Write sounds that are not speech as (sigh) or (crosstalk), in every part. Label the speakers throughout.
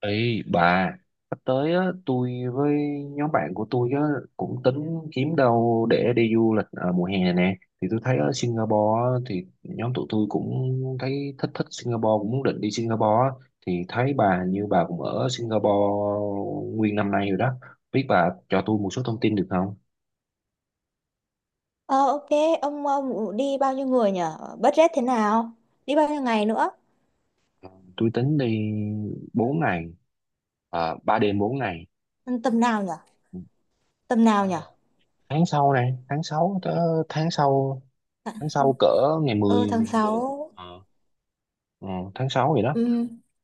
Speaker 1: Ê bà, sắp tới á, tôi với nhóm bạn của tôi á, cũng tính kiếm đâu để đi du lịch ở mùa hè nè. Thì tôi thấy ở Singapore á, thì nhóm tụi tôi cũng thấy thích thích Singapore, cũng muốn định đi Singapore á. Thì thấy bà như bà cũng ở Singapore nguyên năm nay rồi đó. Biết bà cho tôi một số thông tin được không?
Speaker 2: Ờ ok, ông đi bao nhiêu người nhở? Budget thế nào? Đi bao nhiêu ngày nữa?
Speaker 1: Ờ, Tôi tính đi 4 ngày, 3 đêm 4 ngày.
Speaker 2: Ừ, tầm nào nhở? Tầm
Speaker 1: Ờ,
Speaker 2: nào nhở?
Speaker 1: Tháng sau này, tháng 6 tới tháng sau, tháng sau cỡ ngày
Speaker 2: Ừ,
Speaker 1: mười mười
Speaker 2: tháng
Speaker 1: một.
Speaker 2: sáu.
Speaker 1: Ờ, Tháng 6 vậy đó.
Speaker 2: Ừ,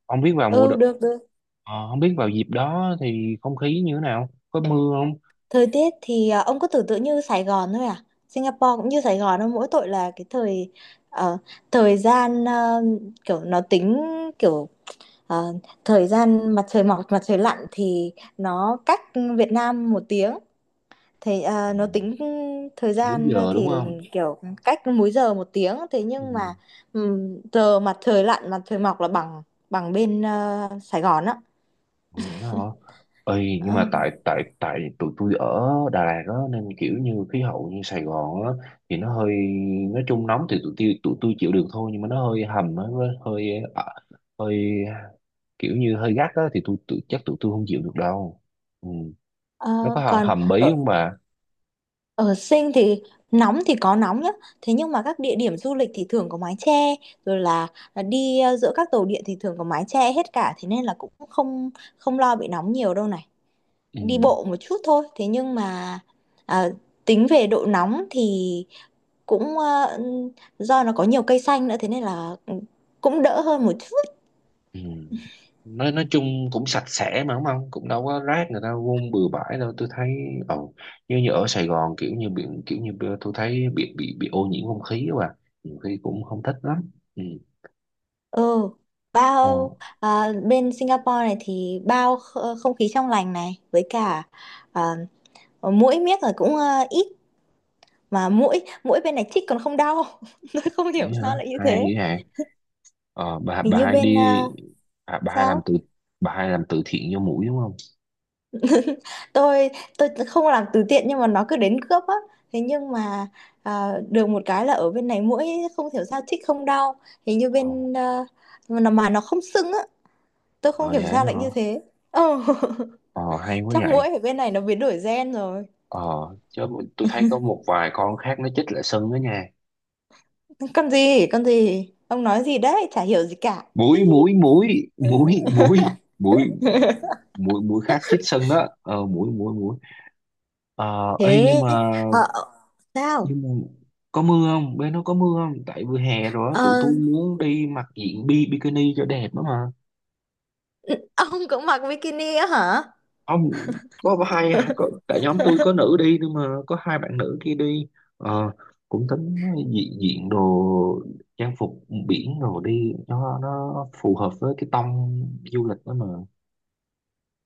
Speaker 1: Không biết vào
Speaker 2: ừ, được được.
Speaker 1: không biết vào dịp đó thì không khí như thế nào? Có mưa không?
Speaker 2: Thời tiết thì ông cứ tưởng tượng như Sài Gòn thôi à? Singapore cũng như Sài Gòn thôi, mỗi tội là cái ờ, thời gian, kiểu nó tính kiểu ờ, thời gian mặt trời mọc mặt trời lặn thì nó cách Việt Nam 1 tiếng. Thì nó
Speaker 1: Ờ,
Speaker 2: tính thời
Speaker 1: Múi
Speaker 2: gian,
Speaker 1: giờ đúng không?
Speaker 2: kiểu cách múi giờ 1 tiếng, thế
Speaker 1: Ừ.
Speaker 2: nhưng mà giờ mặt trời lặn mặt trời mọc là bằng bằng bên Sài Gòn á.
Speaker 1: Vậy hả? Ơi nhưng
Speaker 2: Ờ,
Speaker 1: mà tại tại tại tụi tôi ở Đà Lạt đó nên kiểu như khí hậu như Sài Gòn á, thì nó hơi, nói chung nóng thì tụi tôi chịu được thôi, nhưng mà nó hơi hầm á, nó hơi ờ, hơi kiểu như hơi gắt á, thì chắc tụi tôi không chịu được đâu. Ừ. Nó
Speaker 2: ờ,
Speaker 1: có hầm,
Speaker 2: Còn
Speaker 1: hầm bí
Speaker 2: ở
Speaker 1: không bà?
Speaker 2: ở Sing thì nóng thì có nóng nhá, thế nhưng mà các địa điểm du lịch thì thường có mái che, rồi là, là đi giữa các tàu điện thì thường có mái che hết cả, thế nên là cũng không không lo bị nóng nhiều đâu này.
Speaker 1: Ừ.
Speaker 2: Đi bộ một chút thôi, thế nhưng mà à, tính về độ nóng thì cũng do nó có nhiều cây xanh nữa, thế nên là cũng đỡ hơn một chút.
Speaker 1: Ừ. Nói chung cũng sạch sẽ mà đúng không? Cũng đâu có rác người ta vung bừa bãi đâu. Tôi thấy, ồ, như như ở Sài Gòn kiểu như biển, kiểu như bữa tôi thấy bị ô nhiễm không khí quá à. Nhiều khi cũng không thích lắm. Ừ.
Speaker 2: ừ bao
Speaker 1: Ồ,
Speaker 2: Bên Singapore này thì bao không khí trong lành này, với cả à, muỗi miếc là cũng ít, mà mũi mũi bên này chích còn không đau. (laughs) Tôi không
Speaker 1: thế
Speaker 2: hiểu
Speaker 1: hả?
Speaker 2: sao lại như
Speaker 1: Hay
Speaker 2: thế.
Speaker 1: vậy hả? Ờ, bà
Speaker 2: Hình
Speaker 1: bà
Speaker 2: như
Speaker 1: hai
Speaker 2: bên
Speaker 1: đi,
Speaker 2: ờ,
Speaker 1: à,
Speaker 2: sao
Speaker 1: bà hai làm từ thiện cho mũi đúng không?
Speaker 2: tôi tôi không làm từ thiện nhưng mà nó cứ đến cướp á, thế nhưng mà được một cái là ở bên này mũi không hiểu sao chích không đau. Hình như
Speaker 1: Ồ,
Speaker 2: bên à, Mà nó không sưng á. Tôi
Speaker 1: ờ,
Speaker 2: không hiểu
Speaker 1: vậy hả?
Speaker 2: sao lại như thế. Ồ.
Speaker 1: Ờ, hay
Speaker 2: (laughs)
Speaker 1: quá
Speaker 2: Chắc
Speaker 1: vậy.
Speaker 2: mũi ở bên này nó biến đổi gen rồi.
Speaker 1: Ờ, chứ tôi thấy có một vài con khác nó chích lại sưng đó nha.
Speaker 2: Con gì ông nói gì đấy, chả hiểu gì cả.
Speaker 1: mũi mũi
Speaker 2: (laughs)
Speaker 1: mũi mũi mũi mũi mũi mũi khác chích sân đó, ờ mũi mũi mũi ấy, nhưng
Speaker 2: thế
Speaker 1: mà,
Speaker 2: ờ, ờ, sao
Speaker 1: nhưng mà có mưa không, bên nó có mưa không? Tại vừa hè rồi á, tụi
Speaker 2: Ờ,
Speaker 1: tôi muốn đi mặc diện bikini cho đẹp đó mà.
Speaker 2: ông cũng mặc bikini á hả?
Speaker 1: Không, có hai có, tại nhóm tôi
Speaker 2: (laughs)
Speaker 1: có nữ đi, nhưng mà có 2 bạn nữ kia đi. Ờ, cũng tính diện diện đồ, trang phục biển, rồi đi cho nó phù hợp với cái tông du lịch đó mà.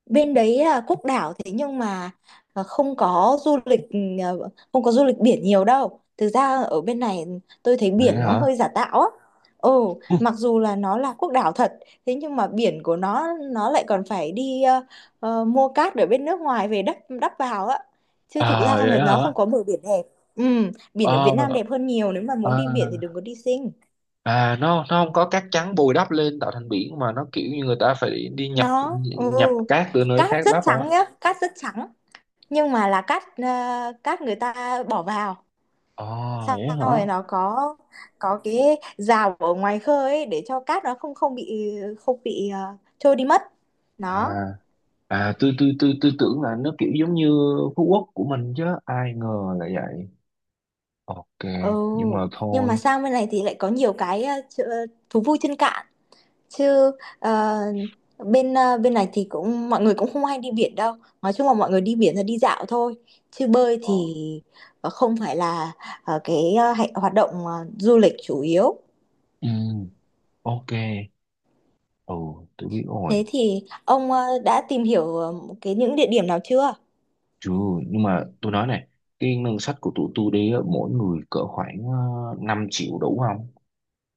Speaker 2: Bên đấy là quốc đảo, thế nhưng mà à, không có du lịch ừ, à, không có du lịch biển nhiều đâu, thực ra ở bên này tôi thấy
Speaker 1: Vậy
Speaker 2: biển nó
Speaker 1: hả?
Speaker 2: hơi giả tạo á. Ừ, mặc dù là nó là quốc đảo thật, thế nhưng mà biển của nó lại còn phải đi mua cát ở bên nước ngoài về đắp, vào á, chứ thực
Speaker 1: À
Speaker 2: ra
Speaker 1: vậy
Speaker 2: là nó không
Speaker 1: hả?
Speaker 2: có bờ biển đẹp. Ừ, biển ở
Speaker 1: ờ
Speaker 2: Việt Nam đẹp hơn nhiều, nếu mà muốn đi biển thì đừng
Speaker 1: à,
Speaker 2: có đi Sing.
Speaker 1: À nó không có cát trắng bồi đắp lên tạo thành biển, mà nó kiểu như người ta phải đi nhập
Speaker 2: Nó ừ
Speaker 1: nhập cát từ nơi
Speaker 2: Cát
Speaker 1: khác
Speaker 2: rất
Speaker 1: đắp hả?
Speaker 2: trắng nhá, cát rất trắng, nhưng mà là cát, cát người ta bỏ vào,
Speaker 1: Ờ,
Speaker 2: xong
Speaker 1: vậy hả?
Speaker 2: rồi nó có cái rào ở ngoài khơi ấy để cho cát nó không không bị không bị ờ, trôi đi mất. Nó
Speaker 1: À, à, tôi tưởng là nó kiểu giống như Phú Quốc của mình, chứ ai ngờ là vậy. Ok,
Speaker 2: ừ
Speaker 1: nhưng mà
Speaker 2: Nhưng mà
Speaker 1: thôi.
Speaker 2: sang bên này thì lại có nhiều cái thú vui trên cạn chứ. ờ, Bên này thì cũng mọi người cũng không hay đi biển đâu, nói chung là mọi người đi biển là đi dạo thôi, chứ bơi
Speaker 1: Ờ.
Speaker 2: thì không phải là hoạt động du lịch chủ yếu.
Speaker 1: Ừ, ok. Ừ, tôi biết rồi.
Speaker 2: Thế thì ông đã tìm hiểu cái những địa điểm nào chưa?
Speaker 1: Chứ nhưng mà tôi nói này, cái ngân sách của tụi tôi đi á, mỗi người cỡ khoảng 5 triệu đủ không?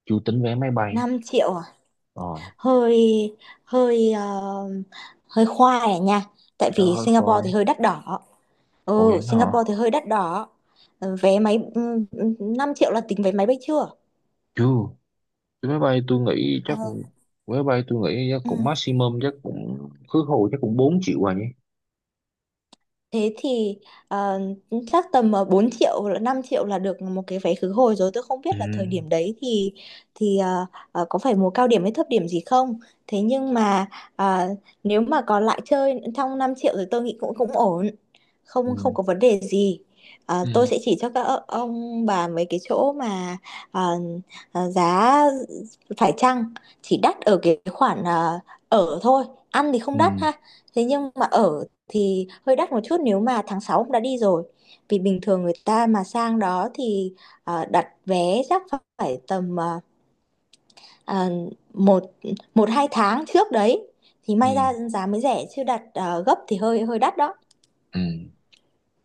Speaker 1: Chưa tính vé máy bay.
Speaker 2: Năm triệu à?
Speaker 1: Ờ.
Speaker 2: Hơi, hơi ờ, hơi khoai à nha. Tại
Speaker 1: Trời
Speaker 2: vì
Speaker 1: ơi
Speaker 2: Singapore
Speaker 1: coi.
Speaker 2: thì hơi đắt đỏ.
Speaker 1: Ủa
Speaker 2: Ừ,
Speaker 1: vậy hả?
Speaker 2: Singapore thì hơi đắt đỏ. Ờ, vé máy, 5 triệu là tính vé máy bay chưa?
Speaker 1: Chưa. Cái máy bay tôi nghĩ
Speaker 2: Ờ.
Speaker 1: chắc Máy bay tôi nghĩ chắc
Speaker 2: Ừ.
Speaker 1: cũng maximum, chắc cũng khứ hồi chắc cũng 4 triệu rồi nhỉ.
Speaker 2: Thế thì ờ, chắc tầm 4 triệu hoặc là 5 triệu là được một cái vé khứ hồi rồi. Tôi không biết
Speaker 1: Ừ.
Speaker 2: là thời điểm đấy thì có phải mùa cao điểm hay thấp điểm gì không. Thế nhưng mà ờ, nếu mà còn lại chơi trong 5 triệu thì tôi nghĩ cũng cũng ổn. Không không
Speaker 1: Ừ.
Speaker 2: có vấn đề gì. Ờ,
Speaker 1: Ừ.
Speaker 2: tôi sẽ chỉ cho các ông bà mấy cái chỗ mà ờ, giá phải chăng, chỉ đắt ở cái khoản ở thôi. Ăn thì không đắt
Speaker 1: Ừ.
Speaker 2: ha. Thế nhưng mà ở thì hơi đắt một chút, nếu mà tháng 6 cũng đã đi rồi. Vì bình thường người ta mà sang đó thì đặt vé chắc phải tầm ờ, một một hai tháng trước đấy thì
Speaker 1: Ừ.
Speaker 2: may ra giá mới rẻ, chứ đặt gấp thì hơi hơi đắt đó.
Speaker 1: Ừ.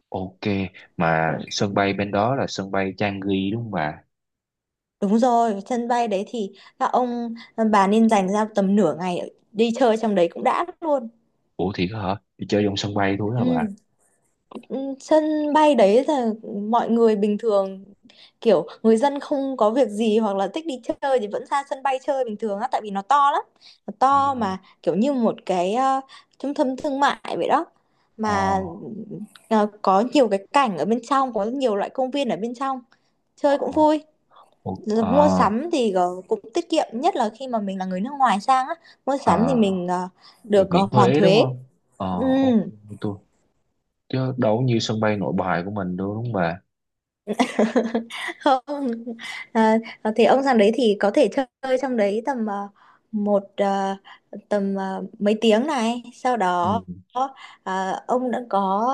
Speaker 1: Ok. Mà sân bay bên đó là sân bay Changi đúng không bà?
Speaker 2: Đúng rồi, sân bay đấy thì các ông, bà nên dành ra tầm nửa ngày đi chơi trong đấy cũng đã luôn.
Speaker 1: Ủa thiệt hả? Đi chơi trong sân bay thôi hả bà?
Speaker 2: Ừ. Ừ, sân bay đấy là mọi người bình thường, kiểu người dân không có việc gì hoặc là thích đi chơi thì vẫn ra sân bay chơi bình thường á, tại vì nó to lắm, nó to
Speaker 1: Ủa,
Speaker 2: mà kiểu như một cái, trung tâm thương mại vậy đó.
Speaker 1: ờ.
Speaker 2: Mà có nhiều cái cảnh ở bên trong, có nhiều loại công viên ở bên trong,
Speaker 1: Ờ.
Speaker 2: chơi cũng
Speaker 1: Ờ.
Speaker 2: vui.
Speaker 1: Ủa,
Speaker 2: Rồi mua
Speaker 1: ờ.
Speaker 2: sắm thì cũng tiết kiệm, nhất là khi mà mình là người nước ngoài sang á, mua sắm thì
Speaker 1: Ờ.
Speaker 2: mình
Speaker 1: Được
Speaker 2: được
Speaker 1: miễn
Speaker 2: hoàn
Speaker 1: thuế đúng
Speaker 2: thuế.
Speaker 1: không? Ờ,
Speaker 2: Ừ.
Speaker 1: ok. Tôi, chứ đâu có như sân bay Nội Bài của mình đâu đúng không bà?
Speaker 2: (laughs) Không. à, thì ông sang đấy thì có thể chơi trong đấy tầm một, mấy tiếng này, sau
Speaker 1: Ừ.
Speaker 2: đó ông đã có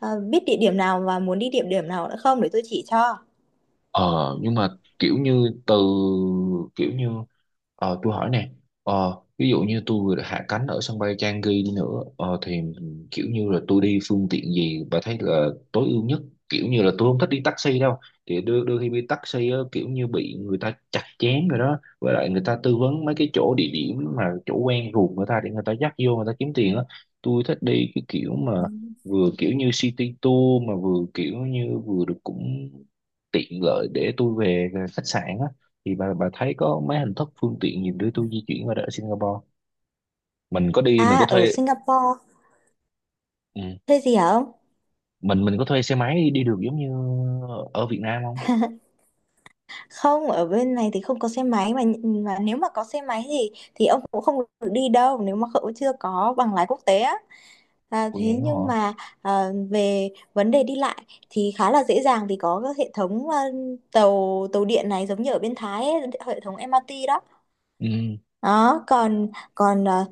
Speaker 2: biết địa điểm nào và muốn đi địa điểm nào nữa không để tôi chỉ cho.
Speaker 1: Ờ nhưng mà kiểu như từ kiểu như, tôi hỏi nè, ví dụ như tôi vừa hạ cánh ở sân bay Changi đi nữa, thì kiểu như là tôi đi phương tiện gì bà thấy là tối ưu nhất? Kiểu như là tôi không thích đi taxi đâu. Thì đôi khi đi taxi á, kiểu như bị người ta chặt chém rồi đó, với lại người ta tư vấn mấy cái chỗ địa điểm mà chỗ quen ruột người ta, để người ta dắt vô người ta kiếm tiền á. Tôi thích đi cái kiểu mà vừa kiểu như city tour, mà vừa kiểu như vừa được cũng tiện lợi để tôi về khách sạn á. Thì bà thấy có mấy hình thức phương tiện gì để tôi di chuyển qua đó ở Singapore?
Speaker 2: À
Speaker 1: Mình có
Speaker 2: ở
Speaker 1: thuê,
Speaker 2: Singapore
Speaker 1: ừ,
Speaker 2: thuê gì hả ông?
Speaker 1: mình có thuê xe máy đi được giống như ở Việt Nam không?
Speaker 2: Không, ở bên này thì không có xe máy mà nếu mà có xe máy thì ông cũng không được đi đâu nếu mà cậu chưa có bằng lái quốc tế á. À,
Speaker 1: Cô
Speaker 2: thế
Speaker 1: vậy
Speaker 2: nhưng
Speaker 1: hả?
Speaker 2: mà về vấn đề đi lại thì khá là dễ dàng, vì có các hệ thống tàu tàu điện này, giống như ở bên Thái ấy, hệ thống MRT đó.
Speaker 1: Ừ.
Speaker 2: Đó, còn còn ờ,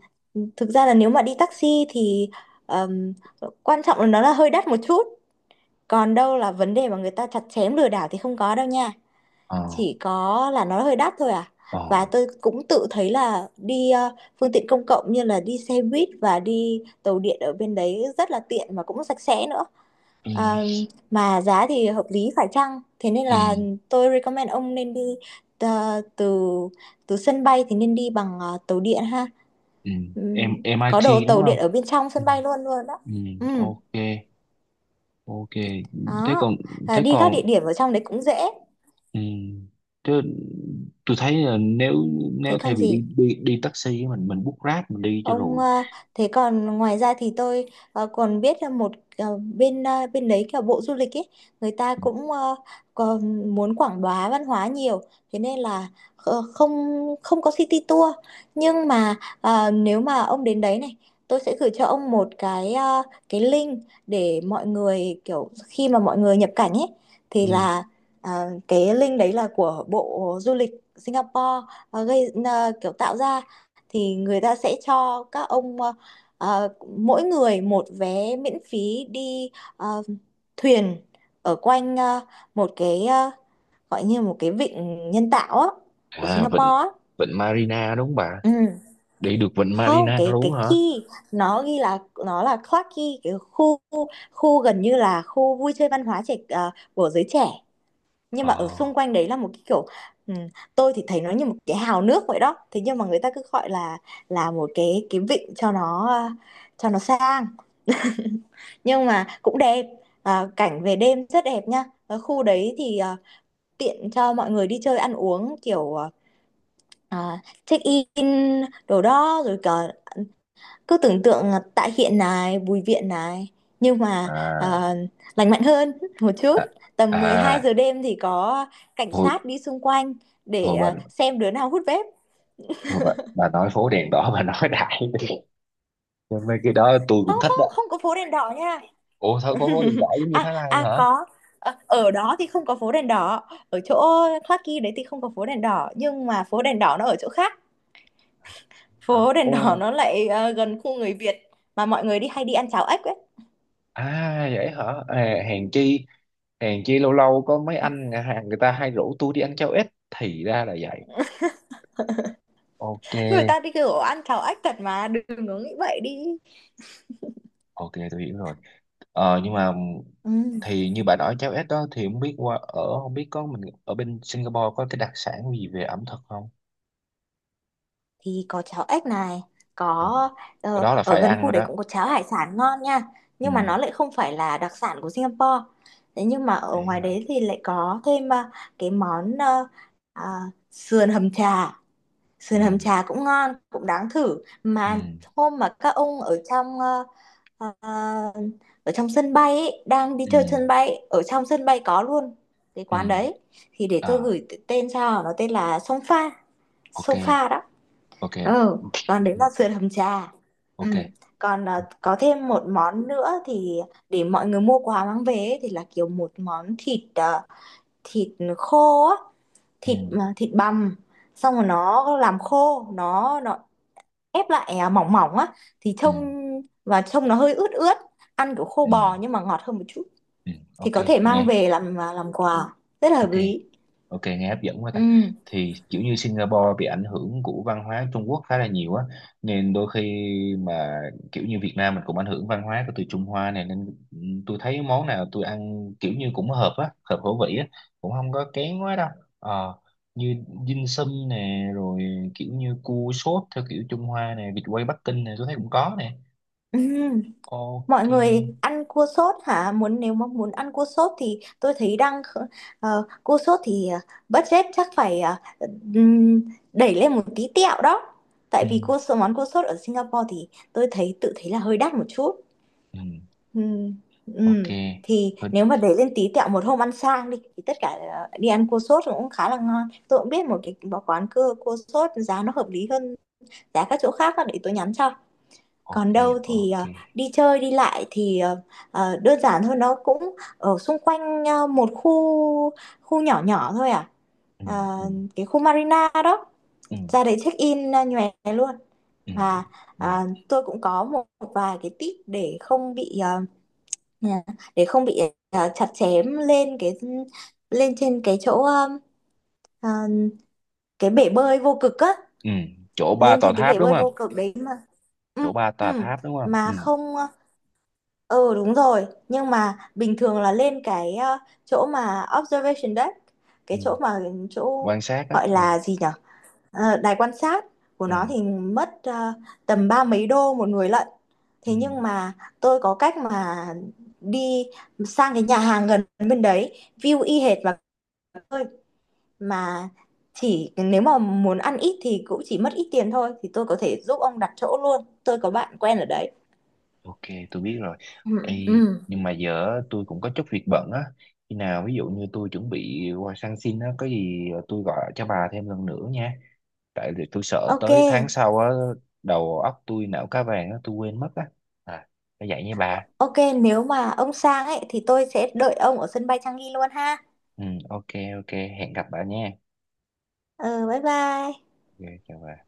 Speaker 2: thực ra là nếu mà đi taxi thì ờm, quan trọng là nó là hơi đắt một chút. Còn đâu là vấn đề mà người ta chặt chém lừa đảo thì không có đâu nha,
Speaker 1: Ờ.
Speaker 2: chỉ có là nó hơi đắt thôi à. Và
Speaker 1: Ờ.
Speaker 2: tôi cũng tự thấy là đi phương tiện công cộng như là đi xe buýt và đi tàu điện ở bên đấy rất là tiện và cũng sạch sẽ nữa.
Speaker 1: Ừ.
Speaker 2: Ờ, mà giá thì hợp lý phải chăng, thế nên
Speaker 1: Ừ.
Speaker 2: là tôi recommend ông nên đi ờ, từ từ sân bay thì nên đi bằng tàu điện ha.
Speaker 1: Ừ. Em
Speaker 2: Có đồ
Speaker 1: MIT đúng
Speaker 2: tàu điện
Speaker 1: không?
Speaker 2: ở bên trong
Speaker 1: Ừ.
Speaker 2: sân bay luôn luôn đó.
Speaker 1: Ừ.
Speaker 2: Ừ,
Speaker 1: Ok. Ok. thế
Speaker 2: đó.
Speaker 1: còn
Speaker 2: À,
Speaker 1: Thế
Speaker 2: đi các
Speaker 1: còn,
Speaker 2: địa điểm ở trong đấy cũng dễ.
Speaker 1: ừ, thế tôi thấy là nếu
Speaker 2: Thế
Speaker 1: nếu thay
Speaker 2: còn
Speaker 1: vì
Speaker 2: gì?
Speaker 1: đi đi đi taxi á, mình book Grab mình đi cho
Speaker 2: Ông,
Speaker 1: rồi.
Speaker 2: thế còn ngoài ra thì tôi còn biết là một, bên đấy kiểu bộ du lịch ấy, người ta
Speaker 1: Ừ.
Speaker 2: cũng còn muốn quảng bá văn hóa nhiều, thế nên là ờ, không không có city tour, nhưng mà nếu mà ông đến đấy này tôi sẽ gửi cho ông một cái, cái link để mọi người kiểu khi mà mọi người nhập cảnh ấy, thì
Speaker 1: Ừ.
Speaker 2: là ờ, cái link đấy là của bộ du lịch Singapore, kiểu tạo ra, thì người ta sẽ cho các ông ờ, mỗi người một vé miễn phí đi ờ, thuyền ở quanh, một cái, gọi như một cái vịnh nhân tạo á của
Speaker 1: À, vịnh
Speaker 2: Singapore á.
Speaker 1: vịnh Marina đúng không bà?
Speaker 2: Ừ.
Speaker 1: Đi được vịnh
Speaker 2: Không,
Speaker 1: Marina
Speaker 2: cái
Speaker 1: luôn hả?
Speaker 2: Key nó ghi là, nó là Clarke Quay, cái khu khu gần như là khu vui chơi văn hóa trẻ, của giới trẻ, nhưng mà ở
Speaker 1: Ờ.
Speaker 2: xung quanh đấy là một cái kiểu, ừ, tôi thì thấy nó như một cái hào nước vậy đó, thế nhưng mà người ta cứ gọi là một cái, vịnh cho nó cho nó sang, nhưng mà cũng đẹp. À, cảnh về đêm rất đẹp nha, ở khu đấy thì tiện cho mọi người đi chơi ăn uống, kiểu check in đồ đó rồi cả, cứ tưởng tượng là Tạ Hiện này, Bùi Viện này, nhưng mà
Speaker 1: À.
Speaker 2: à, lành mạnh hơn (laughs) một chút.
Speaker 1: À.
Speaker 2: Tầm 12
Speaker 1: À.
Speaker 2: giờ đêm thì có cảnh
Speaker 1: thôi
Speaker 2: sát đi xung quanh để
Speaker 1: thôi bà,
Speaker 2: xem đứa nào hút vape.
Speaker 1: thôi bà nói phố đèn đỏ bà nói đại đi. Nhưng mấy cái đó tôi
Speaker 2: Không
Speaker 1: cũng thích
Speaker 2: không,
Speaker 1: đó.
Speaker 2: không có phố đèn đỏ nha.
Speaker 1: Ủa thôi có phố đèn đỏ giống như
Speaker 2: À
Speaker 1: Thái Lan
Speaker 2: à,
Speaker 1: hả?
Speaker 2: có. Ờ, ở đó thì không có phố đèn đỏ, ở chỗ Clarky đấy thì không có phố đèn đỏ, nhưng mà phố đèn đỏ nó ở chỗ khác,
Speaker 1: Hả?
Speaker 2: phố đèn đỏ
Speaker 1: Ô.
Speaker 2: nó lại gần khu người Việt, mà mọi người đi hay đi ăn cháo ếch ấy.
Speaker 1: À vậy hả? À, hèn chi lâu lâu có mấy anh nhà hàng người ta hay rủ tôi đi ăn cháo ếch, thì ra là vậy. Ok.
Speaker 2: (laughs) Người ta đi kiểu ăn cháo ếch thật mà, đừng có nghĩ vậy đi.
Speaker 1: Ok tôi hiểu rồi. Ờ, nhưng mà
Speaker 2: Ừ.
Speaker 1: thì như bà nói cháo ếch đó, thì không biết qua ở không biết có mình ở bên Singapore có cái đặc sản gì về ẩm thực không?
Speaker 2: Thì có cháo ếch này,
Speaker 1: Ừ.
Speaker 2: có
Speaker 1: Cái đó là
Speaker 2: ở
Speaker 1: phải
Speaker 2: gần
Speaker 1: ăn
Speaker 2: khu
Speaker 1: rồi
Speaker 2: đấy
Speaker 1: đó.
Speaker 2: cũng có cháo hải sản ngon nha,
Speaker 1: Ừ.
Speaker 2: nhưng mà nó lại không phải là đặc sản của Singapore. Thế nhưng mà ở
Speaker 1: Đấy
Speaker 2: ngoài
Speaker 1: hả?
Speaker 2: đấy thì lại có thêm, cái món à, sườn hầm trà,
Speaker 1: Ừ.
Speaker 2: sườn hầm trà cũng ngon cũng đáng thử
Speaker 1: Ừ.
Speaker 2: mà. Hôm mà các ông ở trong ờ, ở trong sân bay ấy, đang đi
Speaker 1: Ừ.
Speaker 2: chơi sân bay, ở trong sân bay có luôn cái
Speaker 1: Ừ.
Speaker 2: quán đấy, thì để tôi
Speaker 1: Ờ,
Speaker 2: gửi tên cho, nó tên là sông pha,
Speaker 1: ok.
Speaker 2: sông pha đó.
Speaker 1: Ok.
Speaker 2: Ừ, còn đấy
Speaker 1: Ừ.
Speaker 2: là sườn hầm trà.
Speaker 1: Ok.
Speaker 2: Ừ. Còn
Speaker 1: Ừ.
Speaker 2: có thêm một món nữa thì để mọi người mua quà mang về ấy, thì là kiểu một món thịt à, thịt khô á, thịt thịt bằm xong rồi nó làm khô, nó ép lại mỏng mỏng á, thì
Speaker 1: Ừ.
Speaker 2: trông, và trông nó hơi ướt ướt, ăn kiểu khô
Speaker 1: Ừ.
Speaker 2: bò nhưng mà ngọt hơn một chút,
Speaker 1: Ừ.
Speaker 2: thì
Speaker 1: Ok.
Speaker 2: có thể mang
Speaker 1: Nghe.
Speaker 2: về làm, làm quà. Rất là hợp
Speaker 1: Ok.
Speaker 2: lý.
Speaker 1: Ok nghe hấp dẫn quá ta.
Speaker 2: Ừ.
Speaker 1: Thì kiểu như Singapore bị ảnh hưởng của văn hóa Trung Quốc khá là nhiều á, nên đôi khi mà kiểu như Việt Nam mình cũng ảnh hưởng văn hóa của từ Trung Hoa này nên, ừ, tôi thấy món nào tôi ăn kiểu như cũng hợp á, hợp khẩu vị á, cũng không có kén quá đâu. Ờ, như dim sum nè, rồi kiểu như cua sốt theo kiểu Trung Hoa nè, vịt quay Bắc Kinh nè, tôi thấy cũng có nè.
Speaker 2: (laughs)
Speaker 1: Ok.
Speaker 2: Mọi người ăn cua sốt hả? Muốn, nếu mà muốn ăn cua sốt thì tôi thấy đang cua sốt thì budget chắc phải ừm, đẩy lên một tí tẹo đó. Tại
Speaker 1: Ừ.
Speaker 2: vì cua sốt, món cua sốt ở Singapore thì tôi thấy tự thấy là hơi đắt một chút.
Speaker 1: Ừ.
Speaker 2: Ừm, ừm.
Speaker 1: Ok.
Speaker 2: Thì
Speaker 1: Ừ.
Speaker 2: nếu mà đẩy lên tí tẹo một hôm ăn sang đi thì tất cả đi ăn cua sốt cũng khá là ngon. Tôi cũng biết một cái quán cua, sốt giá nó hợp lý hơn giá các chỗ khác á, để tôi nhắn cho.
Speaker 1: Ok.
Speaker 2: Còn đâu thì
Speaker 1: Ok.
Speaker 2: đi chơi đi lại thì đơn giản thôi, nó cũng ở xung quanh một khu, nhỏ nhỏ thôi à.
Speaker 1: Ừ.
Speaker 2: Ờ,
Speaker 1: Ừ.
Speaker 2: cái khu Marina đó,
Speaker 1: Ừ.
Speaker 2: ra đấy check in, nhòe luôn.
Speaker 1: Ừ.
Speaker 2: Và
Speaker 1: Ừ.
Speaker 2: ờ, tôi cũng có một vài cái tip để không bị ừ, để không bị chặt chém lên cái, lên trên cái chỗ ờ, cái bể bơi vô cực á,
Speaker 1: Ừ. Chỗ ba
Speaker 2: lên
Speaker 1: tòa
Speaker 2: trên cái
Speaker 1: tháp
Speaker 2: bể
Speaker 1: đúng
Speaker 2: bơi
Speaker 1: không?
Speaker 2: vô cực đấy mà. Ừ, ừ.
Speaker 1: Ừ.
Speaker 2: mà không ờ, Ừ đúng rồi, nhưng mà bình thường là lên cái chỗ mà observation deck, cái
Speaker 1: Ừ.
Speaker 2: chỗ mà chỗ
Speaker 1: Quan sát á.
Speaker 2: gọi
Speaker 1: Ừ.
Speaker 2: là gì nhở? Ờ, đài quan sát của
Speaker 1: Ừ.
Speaker 2: nó thì mất tầm ba mấy đô một người lận.
Speaker 1: Ừ.
Speaker 2: Thế nhưng mà tôi có cách mà đi sang cái nhà hàng gần bên đấy, view y hệt, và tôi mà chỉ, nếu mà muốn ăn ít thì cũng chỉ mất ít tiền thôi, thì tôi có thể giúp ông đặt chỗ luôn. Tôi có bạn quen ở đấy.
Speaker 1: Ok, tôi biết rồi. Ê,
Speaker 2: Ừ, ừ.
Speaker 1: nhưng mà giờ á, tôi cũng có chút việc bận á, khi nào ví dụ như tôi chuẩn bị qua sang xin á, có gì tôi gọi cho bà thêm lần nữa nha. Tại vì tôi sợ
Speaker 2: Ok.
Speaker 1: tới tháng sau á, đầu óc tôi não cá vàng á, tôi quên mất á. À, phải vậy nha bà.
Speaker 2: Ok, nếu mà ông sang ấy thì tôi sẽ đợi ông ở sân bay Changi luôn ha.
Speaker 1: Ừ, ok. Ok hẹn gặp bà nha.
Speaker 2: Ừ, bye bye.
Speaker 1: Ok. Chào bà.